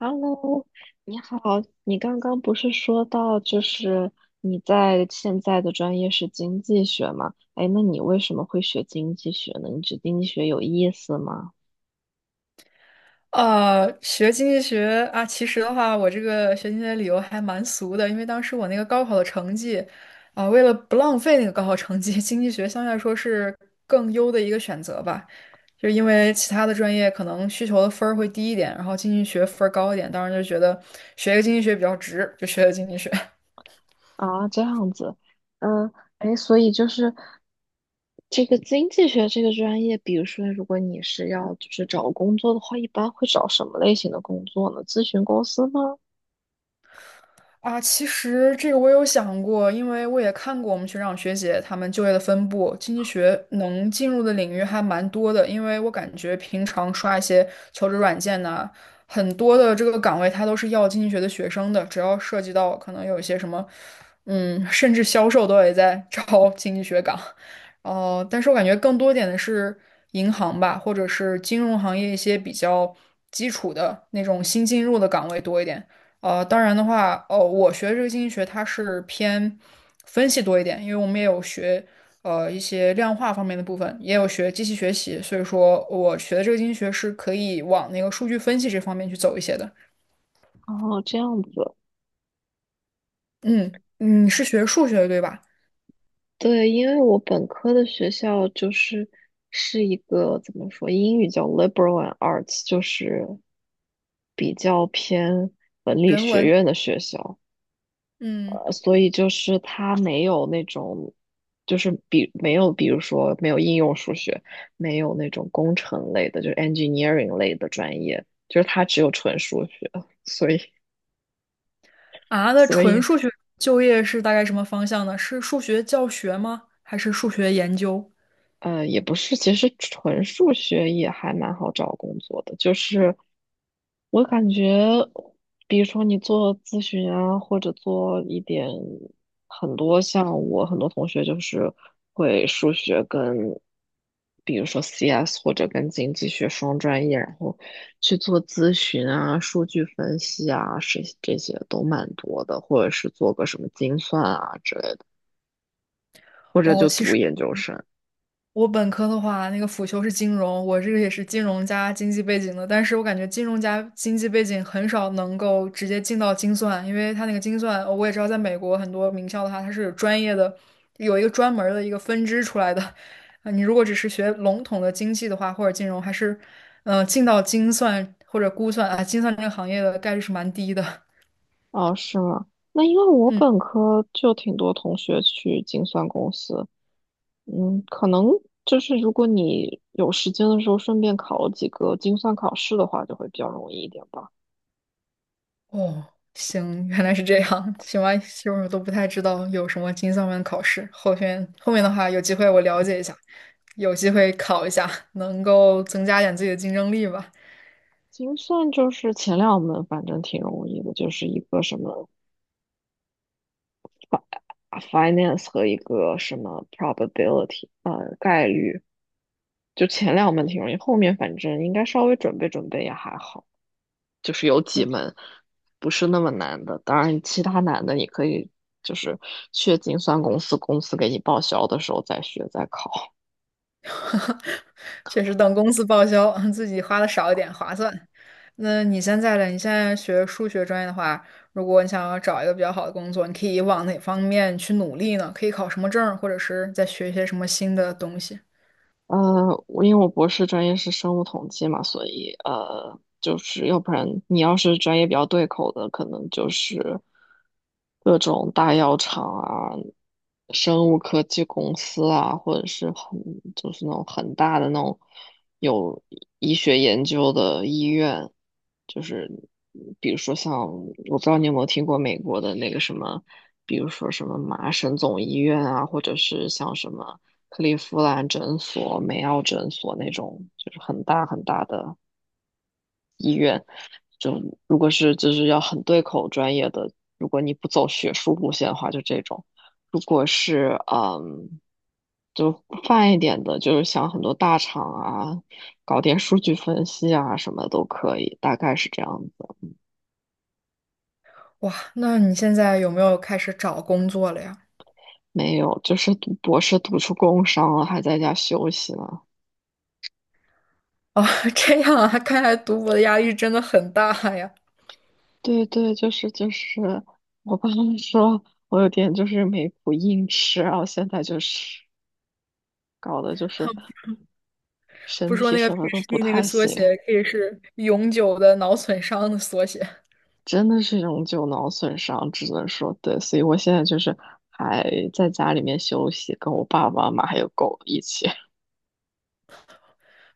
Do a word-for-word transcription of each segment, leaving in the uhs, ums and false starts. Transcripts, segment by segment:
Hello，你好，你刚刚不是说到就是你在现在的专业是经济学吗？哎，那你为什么会学经济学呢？你觉得经济学有意思吗？呃，学经济学啊，其实的话，我这个学经济学的理由还蛮俗的，因为当时我那个高考的成绩，啊、为了不浪费那个高考成绩，经济学相对来说是更优的一个选择吧，就是因为其他的专业可能需求的分儿会低一点，然后经济学分儿高一点，当时就觉得学一个经济学比较值，就学了经济学。啊，这样子，嗯，哎，所以就是这个经济学这个专业，比如说如果你是要就是找工作的话，一般会找什么类型的工作呢？咨询公司吗？啊，其实这个我有想过，因为我也看过我们学长学姐他们就业的分布，经济学能进入的领域还蛮多的。因为我感觉平常刷一些求职软件呐、很多的这个岗位它都是要经济学的学生的，只要涉及到可能有一些什么，嗯，甚至销售都也在招经济学岗。哦，但是我感觉更多点的是银行吧，或者是金融行业一些比较基础的那种新进入的岗位多一点。呃，当然的话，哦，我学这个经济学，它是偏分析多一点，因为我们也有学呃一些量化方面的部分，也有学机器学习，所以说我学的这个经济学是可以往那个数据分析这方面去走一些的。哦，这样子，嗯，你是学数学的对吧？对，因为我本科的学校就是是一个怎么说，英语叫 liberal and arts，就是比较偏文理人学文，院的学校，嗯，呃，所以就是它没有那种，就是比没有，比如说没有应用数学，没有那种工程类的，就是 engineering 类的专业，就是它只有纯数学，所以啊，那所纯以数学就业是大概什么方向呢？是数学教学吗？还是数学研究？呃，也不是，其实纯数学也还蛮好找工作的。就是我感觉，比如说你做咨询啊，或者做一点很多像我很多同学就是会数学跟，比如说 C S 或者跟经济学双专业，然后去做咨询啊、数据分析啊，是这些都蛮多的，或者是做个什么精算啊之类的，或者哦，就其读实。研究生。我本科的话，那个辅修是金融，我这个也是金融加经济背景的，但是我感觉金融加经济背景很少能够直接进到精算，因为它那个精算，呃我也知道在美国很多名校的话，它是有专业的，有一个专门儿的一个分支出来的。啊，你如果只是学笼统的经济的话，或者金融，还是，呃，进到精算或者估算啊，精算这个行业的概率是蛮低的。哦，是吗？那因为我嗯。本科就挺多同学去精算公司，嗯，可能就是如果你有时间的时候顺便考几个精算考试的话，就会比较容易一点吧。哦，行，原来是这样。行吧，其实我都不太知道有什么精算班考试。后天后面的话，有机会我了解一下，有机会考一下，能够增加点自己的竞争力吧。精算就是前两门，反正挺容易的，就是一个什么啊 finance 和一个什么 probability，就前两门挺容易，后面反正应该稍微准备准备也还好。就是有几门不是那么难的，当然其他难的你可以就是去精算公司，公司给你报销的时候再学再考。确实，等公司报销，自己花的少一点划算。那你现在呢？你现在学数学专业的话，如果你想要找一个比较好的工作，你可以往哪方面去努力呢？可以考什么证儿或者是再学一些什么新的东西？呃，我因为我博士专业是生物统计嘛，所以呃，就是要不然你要是专业比较对口的，可能就是各种大药厂啊、生物科技公司啊，或者是很就是那种很大的那种有医学研究的医院，就是比如说像我不知道你有没有听过美国的那个什么，比如说什么麻省总医院啊，或者是像什么。克利夫兰诊所、梅奥诊所那种，就是很大很大的。就如果是就是要很对口专业的，如果你不走学术路线的话，就这种；如果是嗯，就泛一点的，就是想很多大厂啊，搞点数据分析啊什么都可以，大概是这样子。哇，那你现在有没有开始找工作了呀？没有，就是读博士读出工伤了，还在家休息呢，哦，这样啊，看来读博的压力真的很大呀。对对，就是就是，我爸妈说我有点就是没谱硬吃，然后现在就是搞的就是 不身说体那个 什么都不 P H D 那个太缩行，写可以是永久的脑损伤的缩写，真的是永久脑损伤，只能说对，所以我现在就是还在家里面休息，跟我爸爸妈妈还有狗一起。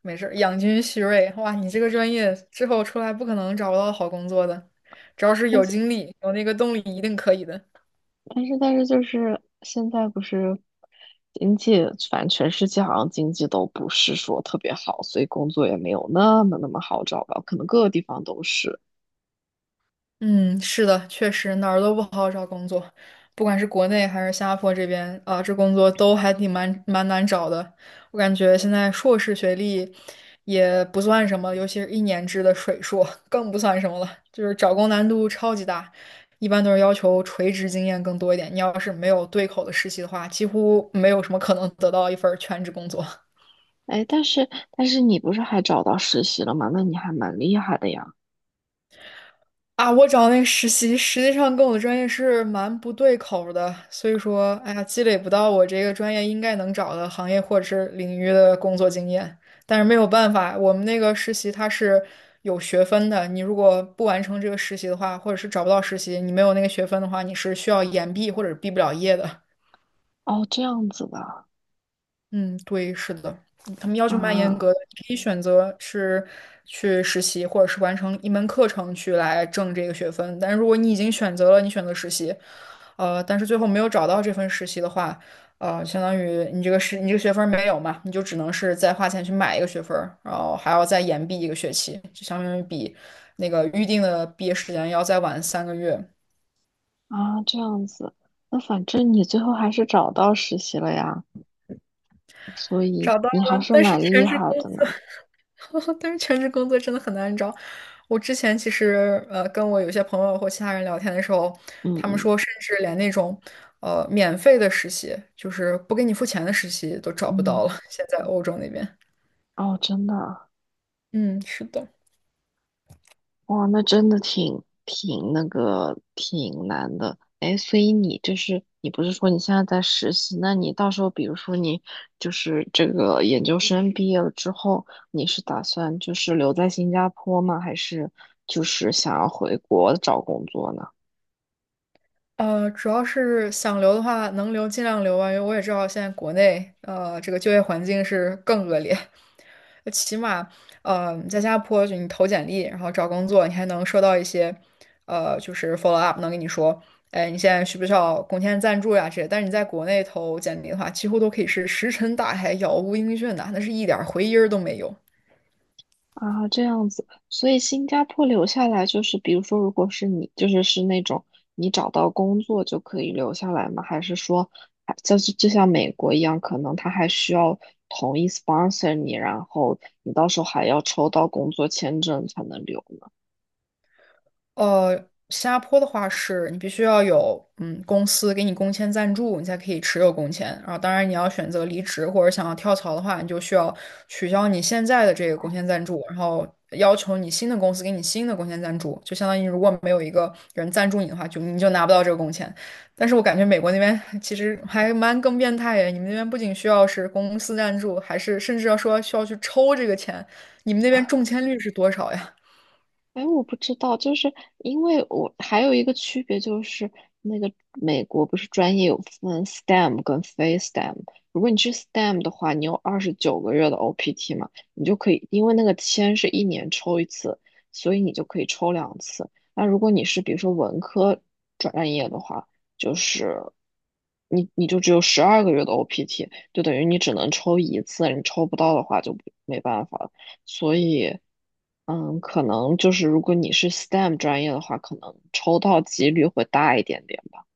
没事儿，养精蓄锐。哇，你这个专业之后出来不可能找不到好工作的，只要是有 精力、有那个动力，一定可以的。但是但是就是现在不是经济，反正全世界好像经济都不是说特别好，所以工作也没有那么那么好找吧，可能各个地方都是。嗯，是的，确实哪儿都不好找工作，不管是国内还是新加坡这边啊，这工作都还挺蛮蛮难找的。我感觉现在硕士学历也不算什么，尤其是一年制的水硕更不算什么了，就是找工难度超级大。一般都是要求垂直经验更多一点，你要是没有对口的实习的话，几乎没有什么可能得到一份儿全职工作。哎，但是但是你不是还找到实习了吗？那你还蛮厉害的呀。啊，我找那个实习，实际上跟我的专业是蛮不对口儿的，所以说，哎呀，积累不到我这个专业应该能找的行业或者是领域的工作经验。但是没有办法，我们那个实习它是有学分的，你如果不完成这个实习的话，或者是找不到实习，你没有那个学分的话，你是需要延毕或者毕不了业的。哦，这样子的嗯，对，是的，嗯他们要求蛮严格啊的。你可以选择是去实习，或者是完成一门课程去来挣这个学分。但如果你已经选择了，你选择实习，呃，但是最后没有找到这份实习的话，呃，相当于你这个是你这个学分儿没有嘛，你就只能是再花钱去买一个学分儿然后还要再延毕一个学期，那个预定的毕业时间要再晚三个月。啊，这样子。那反正你最后还是找到实习了呀，所以找到你了，还是但是蛮全厉职害工的作，呢。但是全职工作真的很难找。我之前其实呃，跟我有些朋友或其他人聊天的时候，嗯他们嗯说，甚至连那种呃免费的实习，就是不给你付钱的实习都找不到嗯，了。现在欧洲那边，哦，真的啊。嗯，是的。哇，那真的挺挺那个挺难的。哎，所以你就是你不是说你现在在实习？那你到时候比如说你就是这个研究生毕业了之后，你是打算就是留在新加坡吗？还是就是想要回国找工作呢？呃，主要是想留的话，能留尽量留吧，因为我也知道现在国内呃这个就业环境是更恶劣，起码呃在新加坡就你投简历，然后找工作，你还能收到一些呃就是 follow up,能跟你说，哎，你现在需不需要工签赞助呀这些，但是你在国内投简历的话，几乎都可以是石沉大海、杳无音讯的，那是一点儿回音儿都没有。啊，这样子，所以新加坡留下来就是，比如说，如果是你，就是是那种你找到工作就可以留下来吗？还是说，还就是就像美国一样，可能他还需要同意 sponsor 你，然后你到时候还要抽到工作签证才能留？呃，新加坡的话是你必须要有嗯公司给你工签赞助，你才可以持有工签。然后，当然你要选择离职或者想要跳槽的话，你就需要取消你现在的这个工签赞助，然后要求你新的公司给你新的工签赞助。就相当于如果没有一个人赞助你的话，就你就拿不到这个工签。但是我感觉美国那边其实还蛮更变态的，你们那边不仅需要是公司赞助，还是甚至要说需要去抽这个钱。你们那边中签率是多少呀？哎，我不知道，就是因为我还有一个区别就是，那个美国不是专业有分 STEM 跟非 STEM。如果你去 STEM 的话，你有二十九个月的 O P T 嘛，你就可以，因为那个签是一年抽一次，所以你就可以抽两次。那如果你是比如说文科专业的话，就是你你就只有十二个月的 O P T，就等于你只能抽一次，你抽不到的话就没办法。了。所以，嗯，可能就是如果你是 STEM 专业的话，可能抽到几率会大一点点吧。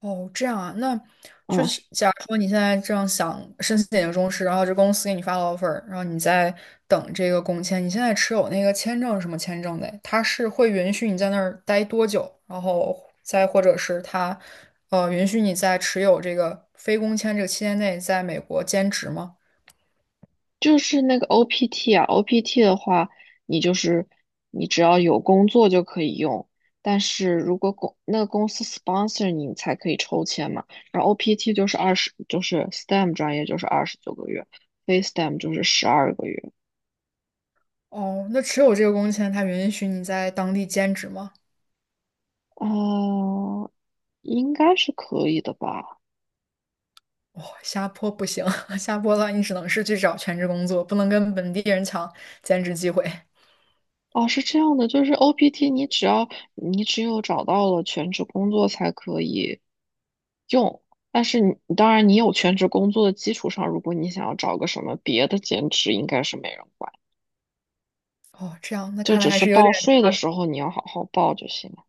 哦，这样啊，那就嗯，是假如说你现在这样想申请研究中时，然后这公司给你发了 offer,然后你在等这个工签，你现在持有那个签证是什么签证的？他是会允许你在那儿待多久，然后再或者是他呃，允许你在持有这个非工签这个期间内在美国兼职吗？就是那个 O P T 啊，O P T 的话，你就是你只要有工作就可以用，但是如果公那个公司 sponsor 你，你才可以抽签嘛。然后 O P T 就是二十，就是 STEM 专业就是二十九个月，非 STEM 就是十二个月。哦，那持有这个工签，他允许你在当地兼职吗？啊、应该是可以的吧。哦，下坡不行，下坡的话你只能是去找全职工作，不能跟本地人抢兼职机会。哦，是这样的，就是 O P T，你只要你只有找到了全职工作才可以用，但是你当然你有全职工作的基础上，如果你想要找个什么别的兼职，应该是没人管，哦，这样，那就看来只还是是有点报税差的的时候你要好好报就行了。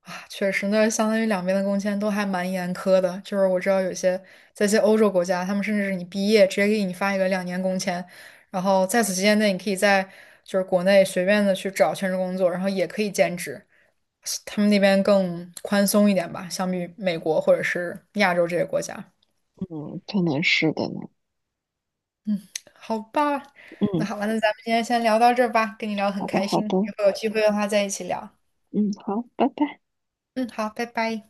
啊。确实，那相当于两边的工签都还蛮严苛的。就是我知道有些在一些欧洲国家，他们甚至是你毕业直接给你发一个两年工签，然后在此期间内，你可以在就是国内随便的去找全职工作，然后也可以兼职。他们那边更宽松一点吧，相比美国或者是亚洲这些国家。嗯，可能是的呢。好吧，那嗯，好吧，那咱们今天先聊到这儿吧，跟你聊得很好的，开好心，以的，后有机会的话再一起聊。嗯，好，拜拜。嗯，好，拜拜。